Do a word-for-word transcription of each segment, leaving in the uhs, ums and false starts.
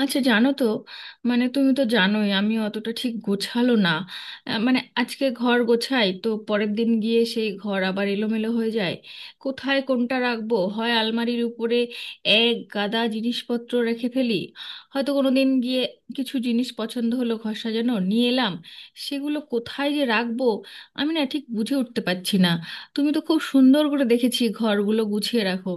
আচ্ছা, জানো তো, মানে তুমি তো জানোই আমি অতটা ঠিক গোছালো না। আহ, মানে আজকে ঘর গোছাই তো পরের দিন গিয়ে সেই ঘর আবার এলোমেলো হয়ে যায়। কোথায় কোনটা রাখবো, হয় আলমারির উপরে এক গাদা জিনিসপত্র রেখে ফেলি। হয়তো কোনো দিন গিয়ে কিছু জিনিস পছন্দ হলো, ঘর সাজানো নিয়ে এলাম, সেগুলো কোথায় যে রাখবো আমি না ঠিক বুঝে উঠতে পারছি না। তুমি তো খুব সুন্দর করে, দেখেছি, ঘরগুলো গুছিয়ে রাখো।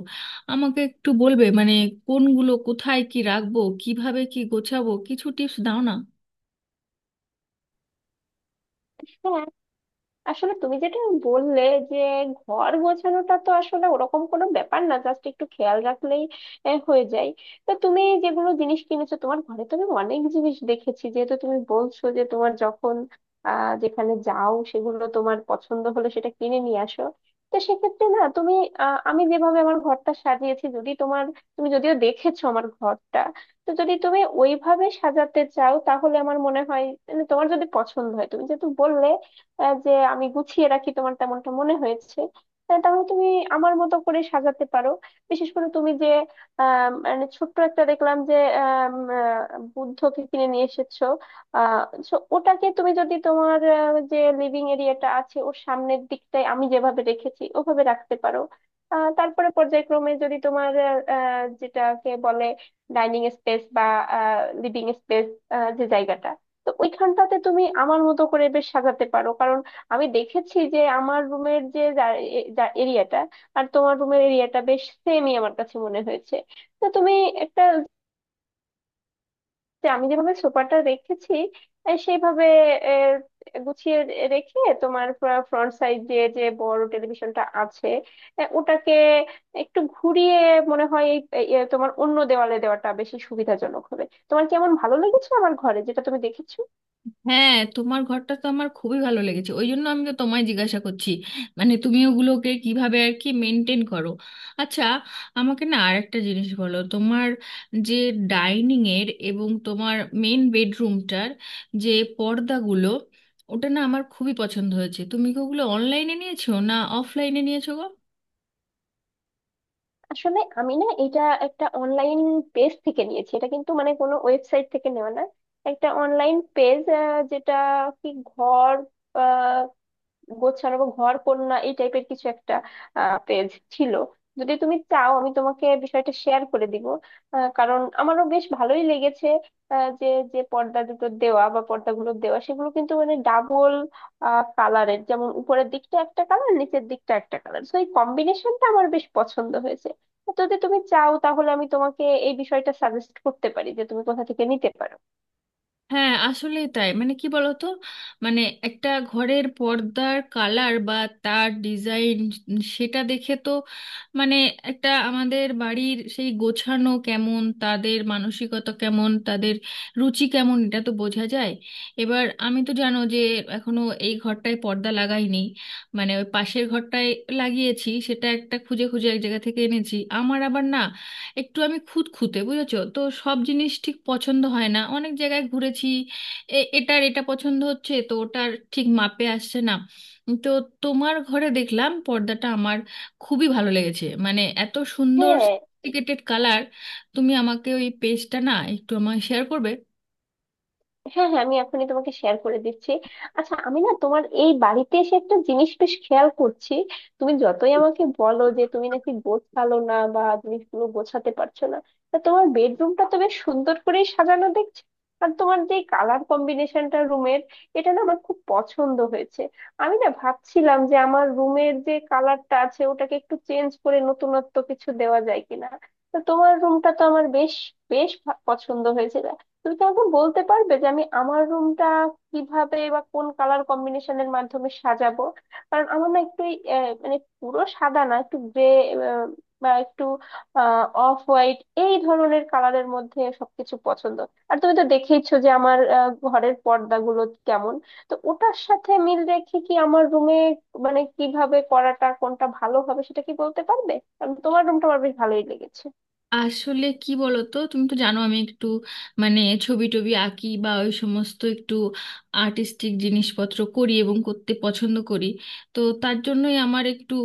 আমাকে একটু বলবে মানে কোনগুলো কোথায় কি রাখবো, কিভাবে কি গোছাবো, কিছু টিপস দাও না। হ্যাঁ, আসলে তুমি যেটা বললে যে ঘর গোছানোটা তো আসলে ওরকম কোনো ব্যাপার না, জাস্ট একটু খেয়াল রাখলেই আহ, হয়ে যায়। তো তুমি যেগুলো জিনিস কিনেছো, তোমার ঘরে তো আমি অনেক জিনিস দেখেছি, যেহেতু তুমি বলছো যে তোমার যখন আহ যেখানে যাও সেগুলো তোমার পছন্দ হলে সেটা কিনে নিয়ে আসো। তো সেক্ষেত্রে না তুমি, আহ আমি যেভাবে আমার ঘরটা সাজিয়েছি, যদি তোমার, তুমি যদিও দেখেছো আমার ঘরটা, তো যদি তুমি ওইভাবে সাজাতে চাও তাহলে আমার মনে হয়, মানে তোমার যদি পছন্দ হয়, তুমি যেহেতু বললে আহ, যে আমি গুছিয়ে রাখি, তোমার তেমনটা মনে হয়েছে, আহ, তাহলে তুমি আমার মতো করে সাজাতে পারো। বিশেষ করে তুমি যে আহ, মানে ছোট্ট একটা দেখলাম যে আহ, উম, আহ, বুদ্ধকে কিনে নিয়ে এসেছো। আহ so ওটাকে তুমি যদি তোমার আহ, যে লিভিং এরিয়াটা আছে, ওর সামনের দিকটায় আমি যেভাবে রেখেছি ওভাবে রাখতে পারো। আহ, তারপরে পর্যায়ক্রমে যদি তোমার আহ, আহ, যেটাকে বলে ডাইনিং স্পেস বা লিভিং স্পেস, যে জায়গাটা, তো ওইখানটাতে তুমি আমার মতো করে বেশ সাজাতে পারো, কারণ আমি দেখেছি যে আমার রুমের যে এরিয়াটা আর তোমার রুমের এরিয়াটা বেশ সেমই আমার কাছে মনে হয়েছে। তো তুমি একটা, যে আমি যেভাবে সোফাটা রেখেছি আহ, সেইভাবে আহ, গুছিয়ে রেখে তোমার ফ্রন্ট সাইড যে যে বড় টেলিভিশনটা আছে আহ, ওটাকে একটু ঘুরিয়ে মনে হয় এই এই, আহ, তোমার অন্য দেওয়ালে দেওয়াটা বেশি সুবিধাজনক হবে। তোমার কি এমন ভালো লেগেছে আমার ঘরে যেটা তুমি দেখেছো? হ্যাঁ, তোমার ঘরটা তো আমার খুবই ভালো লেগেছে, ওই জন্য আমি তো তোমায় জিজ্ঞাসা করছি মানে তুমি ওগুলোকে কিভাবে আর কি মেনটেন করো। আচ্ছা, আমাকে না আর একটা জিনিস বলো, তোমার যে ডাইনিং এর এবং তোমার মেন বেডরুমটার যে পর্দাগুলো, ওটা না আমার খুবই পছন্দ হয়েছে। তুমি কি ওগুলো অনলাইনে নিয়েছো, না অফলাইনে নিয়েছো গো? আসলে আমি না এটা একটা অনলাইন পেজ থেকে নিয়েছি। এটা কিন্তু মানে কোনো ওয়েবসাইট থেকে নেওয়া না, একটা অনলাইন পেজ, যেটা কি ঘর গোছানো বা ঘর কন্যা এই টাইপের কিছু একটা পেজ ছিল। যদি তুমি চাও আমি তোমাকে বিষয়টা শেয়ার করে দিব, আহ, কারণ আমারও বেশ ভালোই লেগেছে আহ, যে যে পর্দা দুটো দেওয়া বা পর্দাগুলো দেওয়া, সেগুলো কিন্তু মানে ডাবল কালারের, যেমন উপরের দিকটা একটা কালার, নিচের দিকটা একটা কালার। তো এই কম্বিনেশনটা আমার বেশ পছন্দ হয়েছে। তো যদি তুমি চাও তাহলে আমি তোমাকে এই বিষয়টা সাজেস্ট করতে পারি যে তুমি কোথা থেকে নিতে পারো। হ্যাঁ, আসলেই তাই। মানে কি বলতো, মানে একটা ঘরের পর্দার কালার বা তার ডিজাইন সেটা দেখে তো মানে একটা আমাদের বাড়ির সেই গোছানো কেমন, তাদের মানসিকতা কেমন, তাদের রুচি কেমন, এটা তো বোঝা যায়। এবার আমি তো, জানো যে, এখনো এই ঘরটায় পর্দা লাগাইনি। মানে ওই পাশের ঘরটায় লাগিয়েছি, সেটা একটা খুঁজে খুঁজে এক জায়গা থেকে এনেছি। আমার আবার না একটু আমি খুঁতখুঁতে, বুঝেছো তো, সব জিনিস ঠিক পছন্দ হয় না, অনেক জায়গায় ঘুরেছি। এ- এটার এটা পছন্দ হচ্ছে তো ওটার ঠিক মাপে আসছে না। তো তোমার ঘরে দেখলাম পর্দাটা আমার খুবই ভালো লেগেছে, মানে এত সুন্দর হ্যাঁ, সফিস্টিকেটেড কালার। তুমি আমাকে ওই পেজটা না একটু আমায় শেয়ার করবে? হ্যাঁ হ্যাঁ আমি এখনই তোমাকে শেয়ার করে দিচ্ছি। আচ্ছা, আমি না তোমার এই বাড়িতে এসে একটা জিনিস বেশ খেয়াল করছি। তুমি যতই আমাকে বলো যে তুমি নাকি গোছালো না বা জিনিসগুলো গোছাতে পারছো না, তা তোমার বেডরুমটা তো বেশ সুন্দর করে সাজানো দেখছি। আর তোমার যে কালার কম্বিনেশনটা রুমের, এটা না আমার খুব পছন্দ হয়েছে। আমি না ভাবছিলাম যে আমার রুমের যে কালারটা আছে ওটাকে একটু চেঞ্জ করে নতুনত্ব কিছু দেওয়া যায় কিনা। তো তোমার রুমটা তো আমার বেশ, বেশ ভা- পছন্দ হয়েছে। তুমি কি আমাকে বলতে পারবে যে আমি আমার রুমটা কিভাবে বা কোন কালার কম্বিনেশনের মাধ্যমে সাজাবো? কারণ আমার না একটু এই, আহ, মানে পুরো সাদা না, একটু গ্রে বা একটু অফ হোয়াইট, এই ধরনের কালারের মধ্যে সবকিছু পছন্দ। আর তুমি তো দেখেইছো যে আমার আহ, ঘরের পর্দাগুলো কেমন। তো ওটার সাথে মিল রেখে কি আমার রুমে, মানে কিভাবে করাটা কোনটা ভালো হবে সেটা কি বলতে পারবে? কারণ তোমার রুমটা আমার বেশ ভালোই লেগেছে। আসলে কি বলতো, তুমি তো জানো আমি একটু মানে ছবি টবি আঁকি বা ওই সমস্ত একটু আর্টিস্টিক জিনিসপত্র করি এবং করতে পছন্দ করি। তো তার জন্যই আমার একটু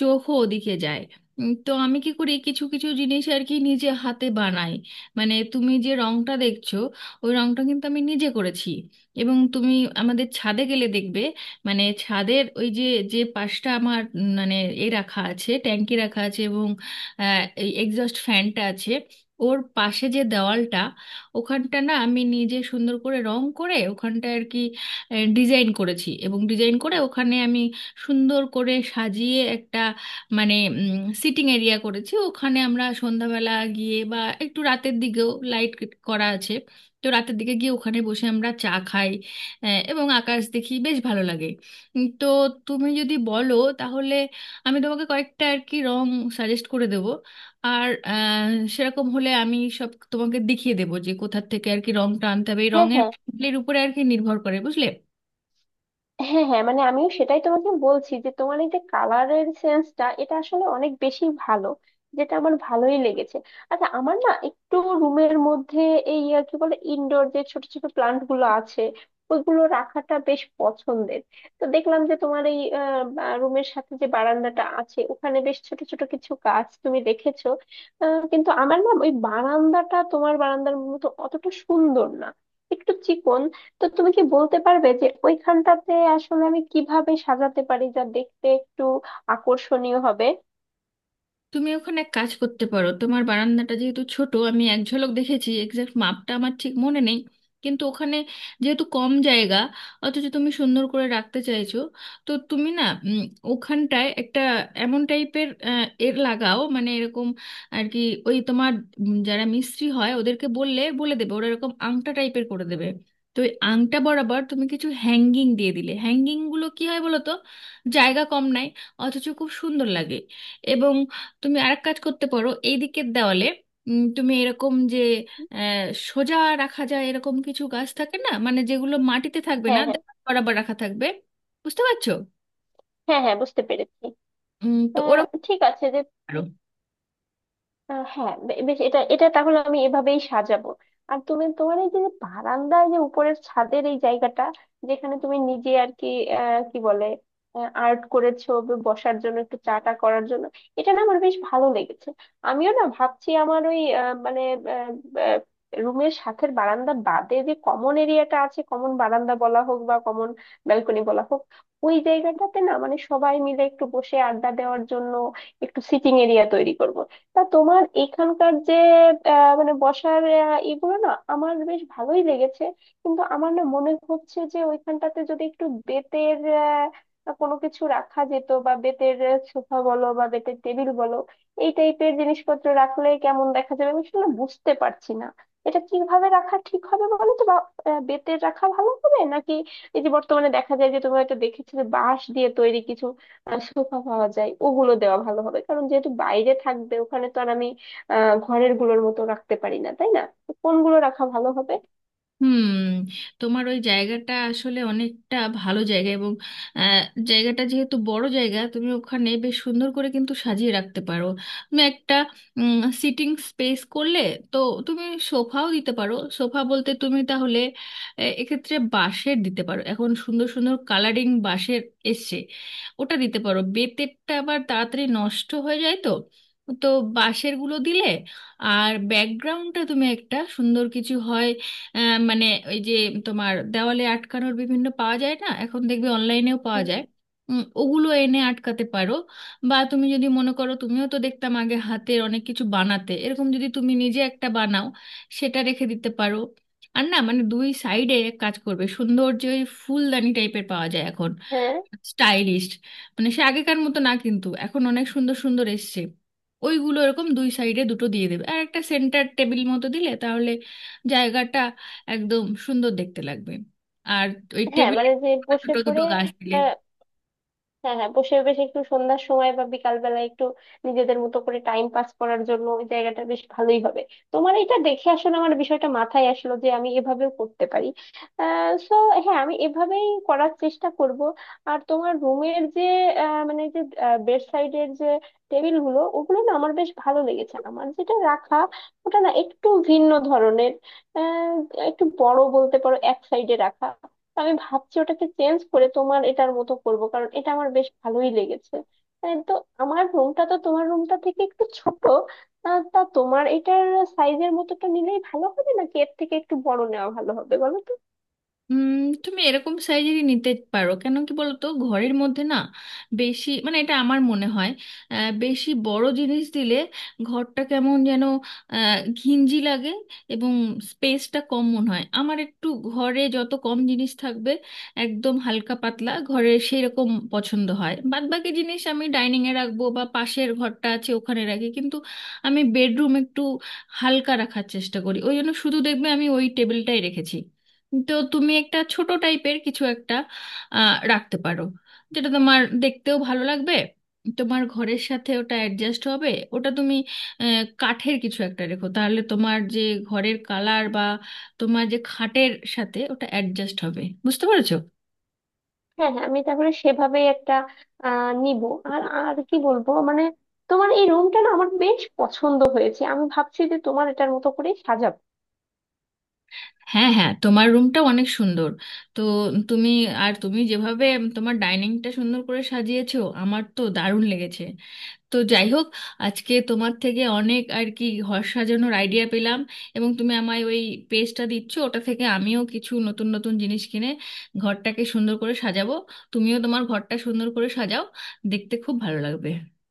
চোখও ওদিকে যায়। উম, তো আমি কি করি, কিছু কিছু জিনিস আর কি নিজে হাতে বানাই। মানে তুমি যে রংটা দেখছো, ওই রংটা কিন্তু আমি নিজে করেছি। এবং তুমি আমাদের ছাদে গেলে দেখবে, মানে ছাদের ওই যে যে পাশটা আমার উম, মানে এ রাখা আছে, ট্যাঙ্কি রাখা আছে, এবং আহ, এই এক্সস্ট ফ্যানটা আছে, ওর পাশে যে দেওয়ালটা, ওখানটা না আমি নিজে সুন্দর করে রং করে ওখানটা আর কি ডিজাইন করেছি, এবং ডিজাইন করে ওখানে আমি সুন্দর করে সাজিয়ে একটা মানে সিটিং এরিয়া করেছি। ওখানে আমরা সন্ধ্যাবেলা গিয়ে বা একটু রাতের দিকেও, লাইট করা আছে, তো রাতের দিকে গিয়ে ওখানে বসে আমরা চা খাই, আহ, এবং আকাশ দেখি, বেশ ভালো লাগে। উম, তো তুমি যদি বলো, তাহলে আমি তোমাকে কয়েকটা আর কি রং সাজেস্ট করে দেব। আর আহ, সেরকম হলে আমি সব তোমাকে দেখিয়ে দেবো যে কোথার থেকে আর কি রংটা আনতে হবে, এই হ্যাঁ রঙের হ্যাঁ এর উপরে আর কি নির্ভর করে, বুঝলে। হ্যাঁ হ্যাঁ মানে আমিও সেটাই তোমাকে বলছি যে তোমার এই যে কালারের সেন্সটা, এটা আসলে অনেক বেশি ভালো, যেটা আমার ভালোই লেগেছে। আচ্ছা, আমার না একটু রুমের মধ্যে এই আহ, কি বলে ইনডোর, যে ছোট ছোট প্লান্ট গুলো আছে ওইগুলো রাখাটা বেশ পছন্দের। তো দেখলাম যে তোমার এই রুমের সাথে যে বারান্দাটা আছে, ওখানে বেশ ছোট ছোট কিছু গাছ তুমি রেখেছো, আহ, কিন্তু আমার না ওই বারান্দাটা তোমার বারান্দার মতো অতটা সুন্দর না, একটু চিকন। তো তুমি কি বলতে পারবে যে ওইখানটাতে আসলে আমি কিভাবে সাজাতে পারি যা দেখতে একটু আকর্ষণীয় হবে? তুমি ওখানে এক কাজ করতে পারো, তোমার বারান্দাটা যেহেতু ছোট, আমি এক ঝলক দেখেছি, এক্সাক্ট মাপটা আমার ঠিক মনে নেই, কিন্তু ওখানে যেহেতু কম জায়গা অথচ তুমি সুন্দর করে রাখতে চাইছো, তো তুমি না উম, ওখানটায় একটা এমন টাইপের এর লাগাও, মানে এরকম আর কি, ওই তোমার উম, যারা মিস্ত্রি হয় ওদেরকে বললে বলে দেবে, ওরা এরকম আংটা টাইপের করে দেবে। তো ওই আংটা বরাবর তুমি কিছু হ্যাঙ্গিং দিয়ে দিলে, হ্যাঙ্গিংগুলো কী হয় বলো তো, জায়গা কম নাই অথচ খুব সুন্দর লাগে। এবং তুমি আরেক কাজ করতে পারো, এই দিকের দেওয়ালে উম, তুমি এরকম যে আহ, সোজা রাখা যায় এরকম কিছু গাছ থাকে না, মানে যেগুলো মাটিতে থাকবে না হ্যাঁ হ্যাঁ দেওয়াল বরাবর রাখা থাকবে, বুঝতে পারছো? হ্যাঁ হ্যাঁ বুঝতে পেরেছি। উম, তো আহ, ওরকম ঠিক আছে যে, পারো। আহ হ্যাঁ, বে- বেশ, এটা এটা তাহলে আমি এভাবেই সাজাবো। আর তুমি তোমার এই যে বারান্দায় যে উপরের ছাদের এই জায়গাটা, যেখানে তুমি নিজে আর কি আহ, কি বলে আর্ট করেছো, ব- বসার জন্য একটু চাটা করার জন্য, এটা না আমার বেশ ভালো লেগেছে। আমিও না ভাবছি আমার ওই আহ, মানে রুমের সাথের বারান্দা বাদে যে কমন এরিয়াটা আছে, কমন বারান্দা বলা হোক বা কমন ব্যালকনি বলা হোক, ওই জায়গাটাতে না মানে সবাই মিলে একটু বসে আড্ডা দেওয়ার জন্য একটু সিটিং এরিয়া তৈরি করব। তা তোমার এখানকার যে আহ, মানে বসার, আহ, এগুলো না আমার বেশ ভালোই লেগেছে। কিন্তু আমার না মনে হচ্ছে যে ওইখানটাতে যদি একটু বেতের আহ, কোনো কিছু রাখা যেত, বা বেতের সোফা বলো বা বেতের টেবিল বলো, এই টাইপের জিনিসপত্র রাখলে কেমন দেখা যাবে আমি আসলে বুঝতে পারছি না। এটা কিভাবে রাখা ঠিক হবে বলো তো? বা আহ, বেতের রাখা ভালো হবে নাকি এই যে বর্তমানে দেখা যায় যে তুমি হয়তো দেখেছিলে বাঁশ দিয়ে তৈরি কিছু আহ সোফা পাওয়া যায়, ওগুলো দেওয়া ভালো হবে? কারণ যেহেতু বাইরে থাকবে, ওখানে তো আর আমি আহ ঘরের গুলোর মতো রাখতে পারি না, তাই না? তো কোনগুলো রাখা ভালো হবে? হুম। তোমার ওই জায়গাটা আসলে অনেকটা ভালো জায়গা, এবং আহ, জায়গাটা যেহেতু বড় জায়গা, তুমি ওখানে বেশ সুন্দর করে কিন্তু সাজিয়ে রাখতে পারো। তুমি একটা সিটিং স্পেস করলে, তো তুমি সোফাও দিতে পারো। সোফা বলতে তুমি তাহলে আহ, এক্ষেত্রে বাঁশের দিতে পারো, এখন সুন্দর সুন্দর কালারিং বাঁশের এসছে, ওটা দিতে পারো, বেতেরটা আবার তাড়াতাড়ি নষ্ট হয়ে যায়, তো তো বাঁশের গুলো দিলে। আর ব্যাকগ্রাউন্ডটা তুমি একটা সুন্দর কিছু হয়, আহ, মানে ওই যে তোমার দেওয়ালে আটকানোর বিভিন্ন পাওয়া যায় না, এখন দেখবে অনলাইনেও পাওয়া উম, যায়, উম, ওগুলো এনে আটকাতে পারো। বা তুমি যদি মনে করো, তুমিও তো দেখতাম আগে হাতের অনেক কিছু বানাতে, এরকম যদি তুমি নিজে একটা বানাও, সেটা রেখে দিতে পারো। আর না মানে দুই সাইডে কাজ করবে সুন্দর যে ওই ফুলদানি টাইপের পাওয়া যায় এখন, হ্যাঁ, স্টাইলিশড, মানে সে আগেকার মতো না, কিন্তু এখন অনেক সুন্দর সুন্দর এসছে। ওইগুলো এরকম দুই সাইডে দুটো দিয়ে দেবে, আর একটা সেন্টার টেবিল মতো দিলে তাহলে জায়গাটা একদম সুন্দর দেখতে লাগবে। আর ওই হ্যাঁ, টেবিলে মানে যে বসে দুটো দুটো পড়ে, গাছ দিলে। হ্যাঁ, হ্যাঁ, বসে বেশ একটু সন্ধ্যার সময় বা বিকাল বেলায় একটু নিজেদের মতো করে টাইম পাস করার জন্য ওই জায়গাটা বেশ ভালোই হবে। তোমার এটা দেখে আসলে আমার বিষয়টা মাথায় আসলো যে আমি এভাবেও করতে পারি। সো হ্যাঁ, আমি এভাবেই করার চেষ্টা করব। আর তোমার রুমের যে আহ, মানে যে বেড সাইডের যে টেবিল গুলো, ওগুলো না আমার বেশ ভালো লেগেছে। আমার যেটা রাখা ওটা না একটু ভিন্ন ধরনের, আহ, একটু বড় বলতে পারো, এক সাইডে রাখা। তো আমি ভাবছি ওটাকে চেঞ্জ করে তোমার এটার মতো করব, কারণ এটা আমার বেশ ভালোই লেগেছে। আহ, তো আমার রুমটা তো তোমার রুমটা থেকে একটু ছোট। আহ, তা তোমার এটার সাইজের মতোটা নিলেই ভালো হবে নাকি এর থেকে একটু বড় নেওয়া ভালো হবে বলো তো? উম, তুমি এরকম সাইজেরই নিতে পারো। কেন কি বলো তো, ঘরের মধ্যে না বেশি মানে, এটা আমার মনে হয়, আহ, বেশি বড় জিনিস দিলে ঘরটা কেমন যেন আহ, ঘিঞ্জি লাগে, এবং স্পেসটা কম মনে হয় আমার। একটু ঘরে যত কম জিনিস থাকবে, একদম হালকা পাতলা ঘরে সেই রকম পছন্দ হয়। বাদবাকি জিনিস আমি ডাইনিংয়ে রাখবো বা পাশের ঘরটা আছে ওখানে রাখি, কিন্তু আমি বেডরুম একটু হালকা রাখার চেষ্টা করি, ওই জন্য শুধু দেখবে আমি ওই টেবিলটাই রেখেছি। তো তুমি একটা ছোট টাইপের কিছু একটা আহ, রাখতে পারো, যেটা তোমার দেখতেও ভালো লাগবে, তোমার ঘরের সাথে ওটা অ্যাডজাস্ট হবে। ওটা তুমি আহ, কাঠের কিছু একটা রেখো, তাহলে তোমার যে ঘরের কালার বা তোমার যে খাটের সাথে ওটা অ্যাডজাস্ট হবে, বুঝতে পেরেছো? হ্যাঁ হ্যাঁ আমি তাহলে সেভাবেই একটা আহ নিব। আর আর কি বলবো, মানে তোমার এই রুমটা না আমার বেশ পছন্দ হয়েছে, আমি ভাবছি যে তোমার এটার মতো করেই সাজাবো। হ্যাঁ, হ্যাঁ, তোমার রুমটা অনেক সুন্দর। তো তুমি, আর তুমি যেভাবে তোমার ডাইনিংটা সুন্দর করে সাজিয়েছো, আমার তো দারুণ লেগেছে। তো যাই হোক, আজকে তোমার থেকে অনেক আর কি ঘর সাজানোর আইডিয়া পেলাম, এবং তুমি আমায় ওই পেজটা দিচ্ছ, ওটা থেকে আমিও কিছু নতুন নতুন জিনিস কিনে ঘরটাকে সুন্দর করে সাজাবো। তুমিও তোমার ঘরটা সুন্দর করে সাজাও, দেখতে খুব ভালো লাগবে।